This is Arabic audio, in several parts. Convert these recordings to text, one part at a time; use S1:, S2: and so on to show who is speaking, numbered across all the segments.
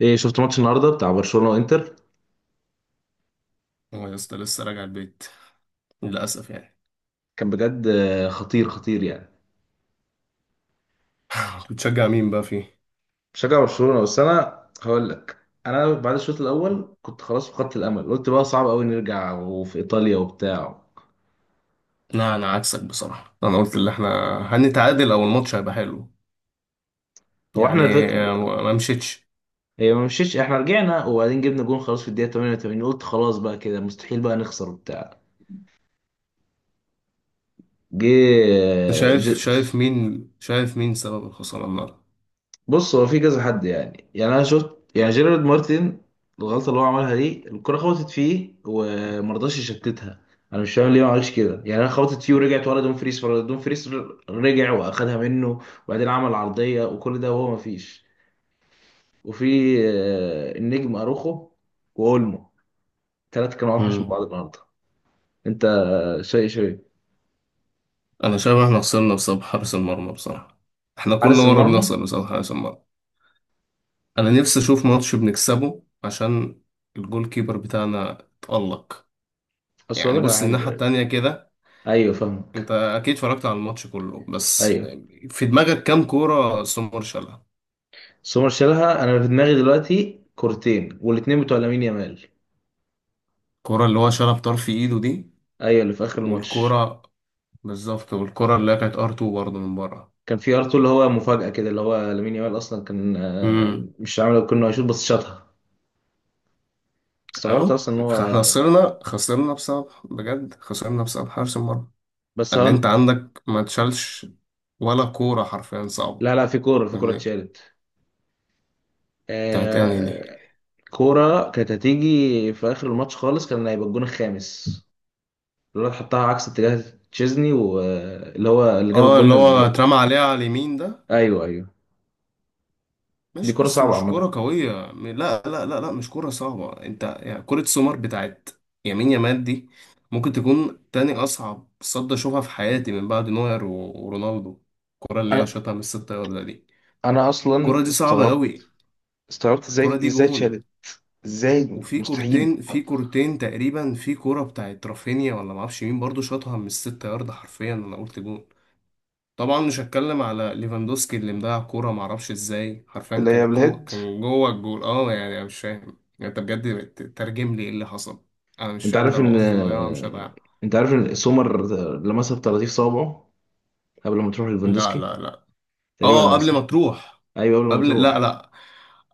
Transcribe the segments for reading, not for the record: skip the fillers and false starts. S1: ايه، شفت ماتش النهارده بتاع برشلونة وانتر؟
S2: اه يا اسطى، لسه راجع البيت للأسف يعني.
S1: كان بجد خطير خطير يعني.
S2: بتشجع مين بقى فيه؟
S1: بشجع برشلونة، بس انا هقول لك. انا بعد الشوط الاول كنت خلاص فقدت الامل، قلت بقى صعب قوي نرجع وفي ايطاليا وبتاع.
S2: لا، أنا عكسك بصراحة. أنا قلت اللي إحنا هنتعادل أو الماتش هيبقى حلو
S1: هو احنا
S2: يعني.
S1: الفكر.
S2: ما مشيتش.
S1: هي ما مشيتش، احنا رجعنا وبعدين جبنا جون، خلاص في الدقيقة 88، قلت خلاص بقى كده مستحيل بقى نخسر وبتاع. جه.
S2: أنت
S1: آه،
S2: شايف
S1: ج-
S2: شايف مين شايف مين سبب الخسارة النهاردة؟
S1: بص هو في كذا حد، يعني انا شفت يعني جيرارد مارتن. الغلطه اللي هو عملها دي الكره خبطت فيه ومرضاش يشتتها. انا مش فاهم ليه ما عملش كده، يعني انا خبطت فيه ورجعت ورا دوم فريس دوم فريس، رجع واخدها منه وبعدين عمل عرضيه وكل ده وهو ما فيش. وفي النجم اروخو واولمو، الثلاثه كانوا اوحش من
S2: امم.
S1: بعض النهارده. انت شيء شيء
S2: أنا شايف إحنا خسرنا بسبب حارس المرمى بصراحة. إحنا كل
S1: حارس
S2: مرة
S1: المرمى.
S2: بنخسر بسبب حارس المرمى. أنا نفسي أشوف ماتش بنكسبه عشان الجول كيبر بتاعنا اتألق
S1: اصل
S2: يعني.
S1: أقول لك على
S2: بص، الناحية
S1: حاجه.
S2: التانية كده،
S1: ايوه،
S2: انت
S1: فاهمك.
S2: اكيد اتفرجت على الماتش كله، بس
S1: ايوه
S2: في دماغك كام كوره سومر شالها؟
S1: سومر شالها، انا في دماغي دلوقتي كورتين، والاتنين بتوع لامين يامال.
S2: الكوره اللي هو شالها بطرف ايده دي،
S1: ايوه اللي في اخر الماتش.
S2: والكوره، بالظبط، والكوره اللي هي كانت ار 2 برضه من بره.
S1: كان في ار2 اللي هو مفاجاه كده، اللي هو لامين يامال اصلا كان
S2: امم.
S1: مش عامل كنا هيشوط بس شاطها. استغربت
S2: اهو.
S1: اصلا ان هو.
S2: احنا خسرنا بسبب، بجد خسرنا بسبب حارس المرمى.
S1: بس
S2: ان انت
S1: هل...
S2: عندك ما تشالش ولا كوره حرفيا صعبه؟
S1: لا، لا، في كوره
S2: فاهمني،
S1: اتشالت.
S2: بتاعت انهي دي؟
S1: آه... كوره كانت هتيجي في اخر الماتش خالص، كان هيبقى الجون الخامس. الواد حطها عكس اتجاه تشيزني، واللي هو اللي جاب
S2: اه،
S1: الجون
S2: اللي هو
S1: الرابع.
S2: اترمى عليها على اليمين ده.
S1: ايوه، ايوه. دي
S2: ماشي
S1: كوره
S2: بس
S1: صعبه
S2: مش كرة
S1: عامه.
S2: قوية، لا لا لا لا، مش كرة صعبة انت يعني. كرة سومر بتاعت يمين يامال دي ممكن تكون تاني أصعب صد أشوفها في حياتي من بعد نوير ورونالدو. الكرة اللي هي
S1: انا
S2: شاطها من الست ياردة دي،
S1: انا اصلا
S2: الكرة دي صعبة
S1: استغربت
S2: أوي،
S1: استغربت
S2: الكرة
S1: ازاي
S2: دي
S1: ازاي
S2: جون.
S1: اتشالت ازاي!
S2: وفي
S1: مستحيل.
S2: كورتين في كورتين تقريبا، في كرة بتاعت رافينيا ولا معرفش مين برضو شاطها من الست ياردة حرفيا، أنا قلت جون. طبعا مش هتكلم على ليفاندوسكي اللي مضيع كورة معرفش ازاي، حرفيا
S1: اللي
S2: كان
S1: هي بالهيد.
S2: كان جوه الجول. اه، يعني انا مش فاهم يعني، انت بجد ترجم لي ايه اللي حصل. انا مش
S1: انت
S2: فاهم، ده
S1: عارف
S2: لو
S1: ان
S2: قصدي ضيعها مش هضيعها.
S1: انت عارف ان سومر لمسها بطراطيف صوابعه قبل ما تروح
S2: لا
S1: ليفاندوسكي،
S2: لا لا،
S1: تقريبا
S2: اه قبل ما
S1: لمسها.
S2: تروح،
S1: ايوه قبل ما
S2: قبل لا
S1: تروح.
S2: لا،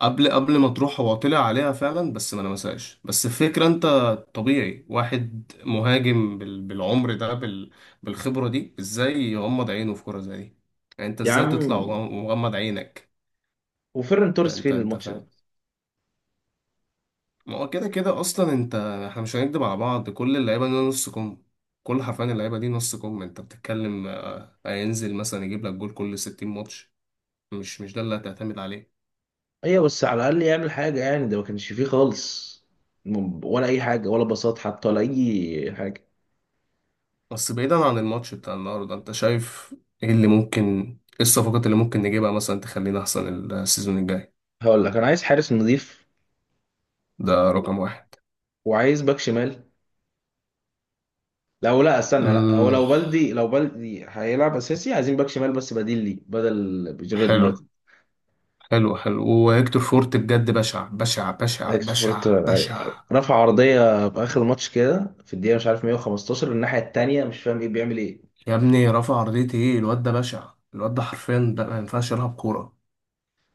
S2: قبل ما تروح هو طلع عليها فعلا بس ما لمسهاش. بس الفكرة انت، طبيعي واحد مهاجم بالعمر ده، بالخبرة دي، ازاي يغمض عينه في كورة زي دي؟ يعني انت
S1: يا
S2: ازاي تطلع
S1: عم،
S2: ومغمض عينك؟
S1: وفيرن
S2: انت
S1: توريس
S2: انت
S1: فين
S2: انت
S1: الماتش ده؟
S2: فاهم، ما هو كده كده اصلا انت. احنا مش هنكدب على بعض، كل اللعيبه دي نص كم، كل حرفيا اللعيبه دي نص كم، انت بتتكلم. هينزل مثلا يجيب لك جول كل 60 ماتش، مش ده اللي هتعتمد عليه.
S1: ايوه، بس على الاقل يعمل حاجه يعني، ده ما كانش فيه خالص. ولا اي حاجه، ولا باصات حتى، ولا اي حاجه.
S2: بس بعيدا عن الماتش بتاع النهارده، انت شايف ايه اللي ممكن، ايه الصفقات اللي ممكن نجيبها مثلا تخلينا احسن السيزون الجاي؟
S1: هقول لك، انا عايز حارس نظيف،
S2: ده
S1: و-
S2: رقم واحد.
S1: وعايز باك شمال. لو، لا استنى، لا، هو
S2: امم.
S1: لو بلدي هيلعب اساسي، عايزين باك شمال بس بديل ليه بدل جيرارد
S2: حلو،
S1: مارتن.
S2: حلو حلو. وهيكتور فورت بجد بشع بشع بشع
S1: اكس
S2: بشع
S1: فورتون،
S2: بشع.
S1: أيوة. رفع عرضيه في اخر الماتش كده في الدقيقه مش عارف 115، الناحيه التانيه، مش فاهم ايه بيعمل ايه.
S2: يا ابني رافع عرضية ايه! الواد ده بشع، الواد ده حرفيا ده ما ينفعش يلعب كورة.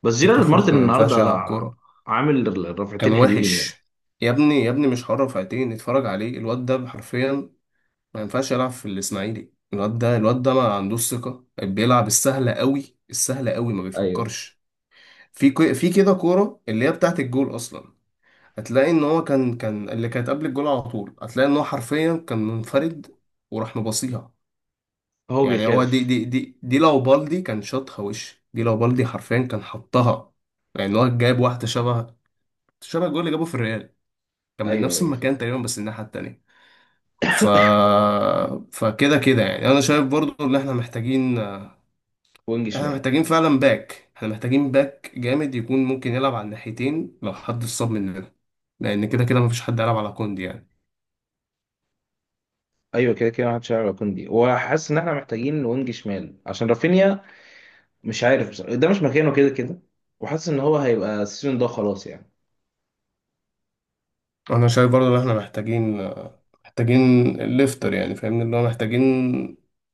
S1: بس
S2: فيكتور
S1: جيرارد
S2: فورت
S1: مارتن
S2: ما
S1: النهارده
S2: ينفعش يلعب كورة،
S1: عامل
S2: كان
S1: رفعتين حلوين
S2: وحش.
S1: يعني.
S2: يا ابني يا ابني مش حر رفعتين، اتفرج عليه الواد ده حرفيا ما ينفعش يلعب في الإسماعيلي. الواد ده الواد ده ما عندوش ثقة، بيلعب السهلة قوي السهلة قوي، ما
S1: ايوه،
S2: بيفكرش. في في كده كورة اللي هي بتاعت الجول أصلا، هتلاقي إن هو كان اللي كانت قبل الجول على طول، هتلاقي إن هو حرفيا كان منفرد وراح مباصيها.
S1: هو
S2: يعني هو دي
S1: بيخاف.
S2: دي دي دي لو بالدي كان شاطها، وش دي لو بالدي حرفيا كان حطها. يعني هو جاب واحدة شبه الجول اللي جابه في الريال، كان من
S1: ايوه،
S2: نفس
S1: ايوه،
S2: المكان
S1: فكر.
S2: تقريبا بس الناحية التانية. ف فكده كده يعني، انا شايف برضو ان احنا محتاجين،
S1: وينج
S2: احنا
S1: شمال.
S2: محتاجين فعلا باك، احنا محتاجين باك جامد يكون ممكن يلعب على الناحيتين لو حد اتصاب مننا، لان كده كده مفيش حد يلعب على كوندي يعني.
S1: ايوه، كده كده محدش يعرف كوندي، وحاسس ان احنا محتاجين وينج شمال عشان رافينيا. مش عارف بصراحة. ده مش مكانه كده كده. وحاسس ان هو هيبقى السيزون ده خلاص يعني.
S2: انا شايف برضو ان احنا محتاجين، محتاجين الليفتر يعني فاهمني، اللي هو محتاجين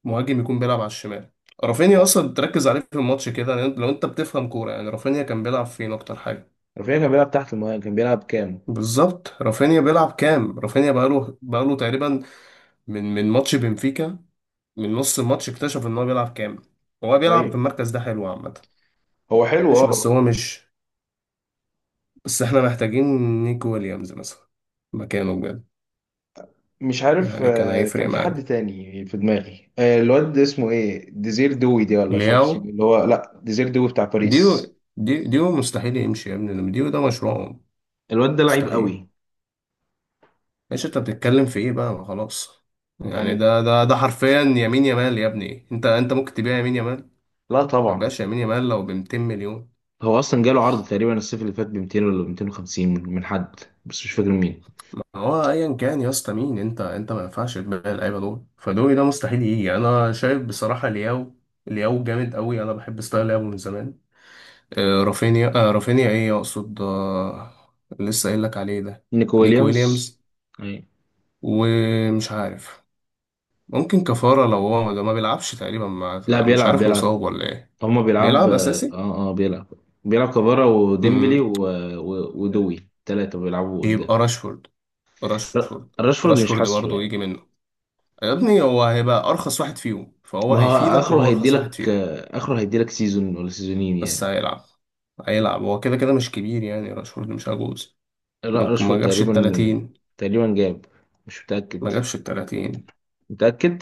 S2: مهاجم يكون بيلعب على الشمال. رافينيا اصلا تركز عليه في الماتش كده، لأن لو انت بتفهم كوره يعني، رافينيا كان بيلعب فين اكتر حاجه؟
S1: رافينيا كان بيلعب تحت المهاجم، كان بيلعب كام.
S2: بالظبط، رافينيا بيلعب كام. رافينيا بقاله تقريبا من ماتش بنفيكا، من نص الماتش اكتشف ان هو بيلعب كام. هو بيلعب في
S1: ايوه،
S2: المركز ده، حلو عامه.
S1: هو حلو،
S2: ماشي بس
S1: اه.
S2: هو مش، بس احنا محتاجين نيكو ويليامز مثلا، مكانه بجد،
S1: مش عارف،
S2: يعني كان
S1: كان
S2: هيفرق
S1: في حد
S2: معانا.
S1: تاني في دماغي، الواد اسمه ايه، ديزير دوي دي، ولا مش عارف
S2: لياو،
S1: اسمه إيه، اللي هو لا ديزير دوي بتاع باريس.
S2: ديو ديو ديو مستحيل يمشي يا ابني، لما ديو ده مشروعهم،
S1: الواد ده لعيب
S2: مستحيل.
S1: قوي
S2: ايش انت بتتكلم في ايه بقى! ما خلاص يعني،
S1: يعني.
S2: ده حرفيا يمين يمال، يا ابني انت ممكن تبيع يمين يمال؟
S1: لا،
S2: ما
S1: طبعا.
S2: بقاش يمين يمال لو ب 200 مليون.
S1: هو اصلا جاله عرض تقريبا الصيف اللي فات ب 200 ولا 250 من حد، بس مش فاكر مين.
S2: هو ايا كان يا اسطى مين، انت ما ينفعش تبيع اللعيبه دول، فدوي ده مستحيل يجي. انا شايف بصراحه لياو، لياو جامد قوي، انا بحب ستايل لياو من زمان. رافينيا، رافينيا ايه اقصد، لسه قايل لك عليه ده،
S1: نيكو
S2: نيك
S1: ويليامز،
S2: ويليامز.
S1: أي.
S2: ومش عارف، ممكن كفارة لو هو ده ما بيلعبش تقريبا مع،
S1: لا،
S2: مش
S1: بيلعب
S2: عارف
S1: بيلعب.
S2: مصاب ولا ايه.
S1: هما بيلعب،
S2: بيلعب
S1: اه،
S2: أساسي.
S1: اه، بيلعب. بيلعب كفارا
S2: امم.
S1: وديمبلي ودوي، ثلاثة بيلعبوا قدام.
S2: يبقى راشفورد،
S1: ر-
S2: راشفورد.
S1: راشفورد مش
S2: راشفورد
S1: حاسه
S2: برضه يجي
S1: يعني.
S2: منه، يا ابني هو هيبقى أرخص واحد فيهم فهو
S1: ما هو
S2: هيفيدك
S1: اخره
S2: وهو أرخص واحد
S1: هيديلك،
S2: فيهم.
S1: اخره هيديلك سيزون ولا سيزونين
S2: بس
S1: يعني.
S2: هيلعب، هيلعب، هو كده كده مش كبير يعني، راشفورد مش عجوز،
S1: لا،
S2: ما
S1: راشفورد
S2: جابش
S1: تقريبا،
S2: التلاتين،
S1: تقريبا جاب، مش متأكد،
S2: ما جابش التلاتين
S1: متأكد.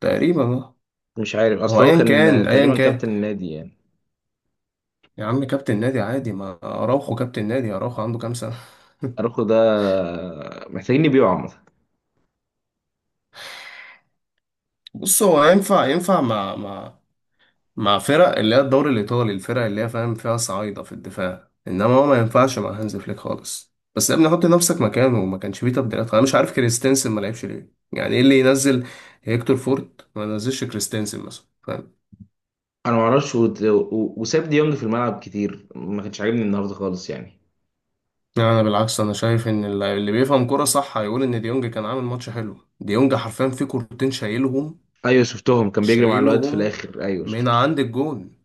S2: تقريبا اه.
S1: مش عارف
S2: هو
S1: اصل هو
S2: أيا
S1: كان
S2: كان أيا
S1: تقريبا
S2: كان
S1: كابتن النادي يعني.
S2: يا عم، كابتن نادي عادي، ما أراوخو كابتن نادي، أراوخو عنده كام سنة؟
S1: اراخو ده محتاجين يبيعوا عامة.
S2: بص هو ينفع مع فرق اللي هي الدوري الإيطالي، الفرق اللي هي فاهم فيها صعايدة في الدفاع، إنما هو ما ينفعش مع هانز فليك خالص. بس يا ابني حط نفسك مكانه، وما كانش فيه تبديلات. أنا مش عارف كريستنسن ما لعبش ليه، يعني إيه اللي ينزل؟ هيكتور فورت ما ينزلش كريستنسن مثلا فاهم؟
S1: انا ما اعرفش وساب ديونج في الملعب كتير، ما كانش عاجبني النهارده خالص يعني.
S2: يعني أنا بالعكس، أنا شايف إن اللي بيفهم كورة صح هيقول إن ديونج كان عامل ماتش حلو، ديونج حرفيا في كورتين شايلهم،
S1: ايوه شفتهم كان بيجري مع الواد في
S2: شايلهم
S1: الاخر، ايوه
S2: من
S1: شفته.
S2: عند الجون.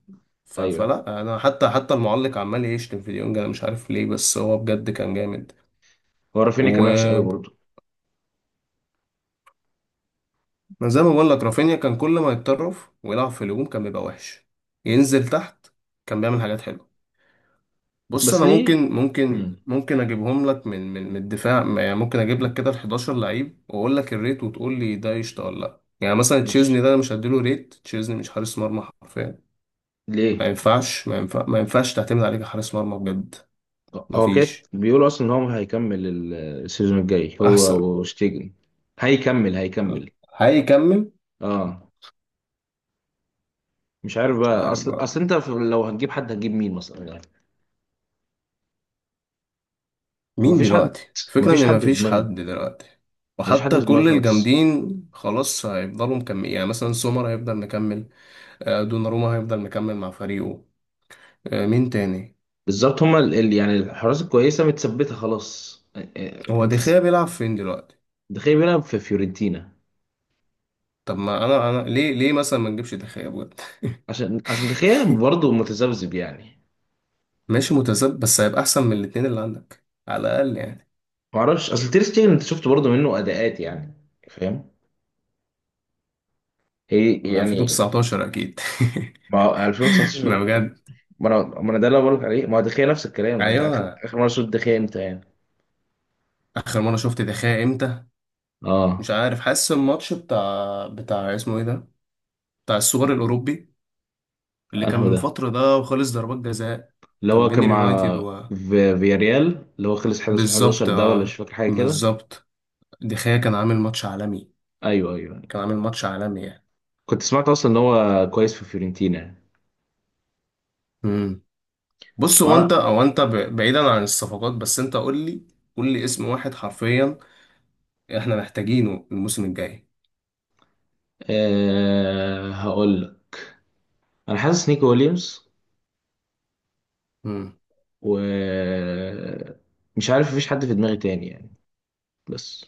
S1: ايوه،
S2: فلا انا حتى المعلق عمال يشتم في ديونج، انا مش عارف ليه، بس هو بجد كان جامد.
S1: هو رافينيا كان وحش قوي برضه.
S2: ما زي ما بقول لك رافينيا كان كل ما يتطرف ويلعب في الهجوم كان بيبقى وحش، ينزل تحت كان بيعمل حاجات حلوه. بص
S1: بس
S2: انا
S1: ليه؟
S2: ممكن ممكن
S1: مم.
S2: ممكن اجيبهم لك من الدفاع يعني، ممكن اجيب لك كده ال 11 لعيب واقول لك الريت، وتقول لي ده قشطه ولا لا، يعني مثلا
S1: مش
S2: تشيزني ده انا مش هديله ريت، تشيزني مش حارس مرمى حرفيا.
S1: ليه؟
S2: ما ينفعش تعتمد عليه كحارس مرمى بجد. ما
S1: هو كده
S2: فيش،
S1: بيقولوا اصلا ان هو هيكمل السيزون الجاي
S2: احسن،
S1: هو وشتيجن. هيكمل هيكمل.
S2: هيكمل.
S1: اه. مش عارف
S2: مش
S1: بقى،
S2: عارف
S1: اصل
S2: بقى
S1: اصل انت لو هتجيب حد هتجيب مين مثلا يعني؟
S2: مين
S1: مفيش حد.
S2: دلوقتي، الفكرة
S1: مفيش
S2: ان
S1: حد في
S2: مفيش
S1: دماغي.
S2: حد دلوقتي،
S1: مفيش حد
S2: وحتى
S1: في دماغي
S2: كل
S1: خالص.
S2: الجامدين خلاص هيفضلوا مكمل يعني، مثلا سومر هيفضل مكمل، دوناروما هيفضل مكمل مع فريقه، مين تاني؟
S1: بالظبط هما يعني الحراس الكويسه متثبته خلاص،
S2: هو
S1: انت
S2: دخيا بيلعب فين دلوقتي؟
S1: تخيل بيلعب في فيورنتينا.
S2: طب ما انا، ليه مثلا ما نجيبش دخيا بجد؟
S1: عشان تخيل برضه متذبذب يعني.
S2: ماشي متذبذب بس هيبقى احسن من الاتنين اللي عندك على الاقل يعني.
S1: معرفش، اصل تير شتيجن انت شفت برضه منه اداءات يعني، فاهم، هي
S2: من
S1: يعني.
S2: 2019 اكيد.
S1: ما هو
S2: ما
S1: 2019.
S2: بجد،
S1: ما انا ده اللي بقولك عليه، ما هو دخيا نفس الكلام. انت اخر
S2: ايوه.
S1: اخر مره شفت دخيا امتى يعني؟
S2: اخر مره شفت دخيا امتى؟
S1: اه.
S2: مش عارف، حاسس الماتش بتاع اسمه ايه ده، بتاع السوبر الاوروبي اللي كان
S1: انهو
S2: من
S1: ده،
S2: فترة ده وخلص ضربات جزاء،
S1: اللي
S2: كان
S1: هو
S2: بين
S1: كان مع،
S2: اليونايتد و،
S1: في فياريال، اللي هو خلص 11-11
S2: بالظبط
S1: ده، ولا مش
S2: اه،
S1: فاكر حاجه كده.
S2: بالظبط. دخيا كان عامل ماتش عالمي،
S1: ايوه، ايوه، أيوة.
S2: كان عامل ماتش عالمي يعني.
S1: كنت سمعت اصلا ان هو كويس في فيورنتينا يعني.
S2: امم. بص هو انت
S1: مره.
S2: او بعيدا عن الصفقات، بس انت قول لي، قول لي اسم واحد حرفيا احنا محتاجينه الموسم الجاي.
S1: أه هقول لك، انا حاسس نيكو ويليامز، و، مش عارف، مفيش حد في دماغي تاني يعني. بس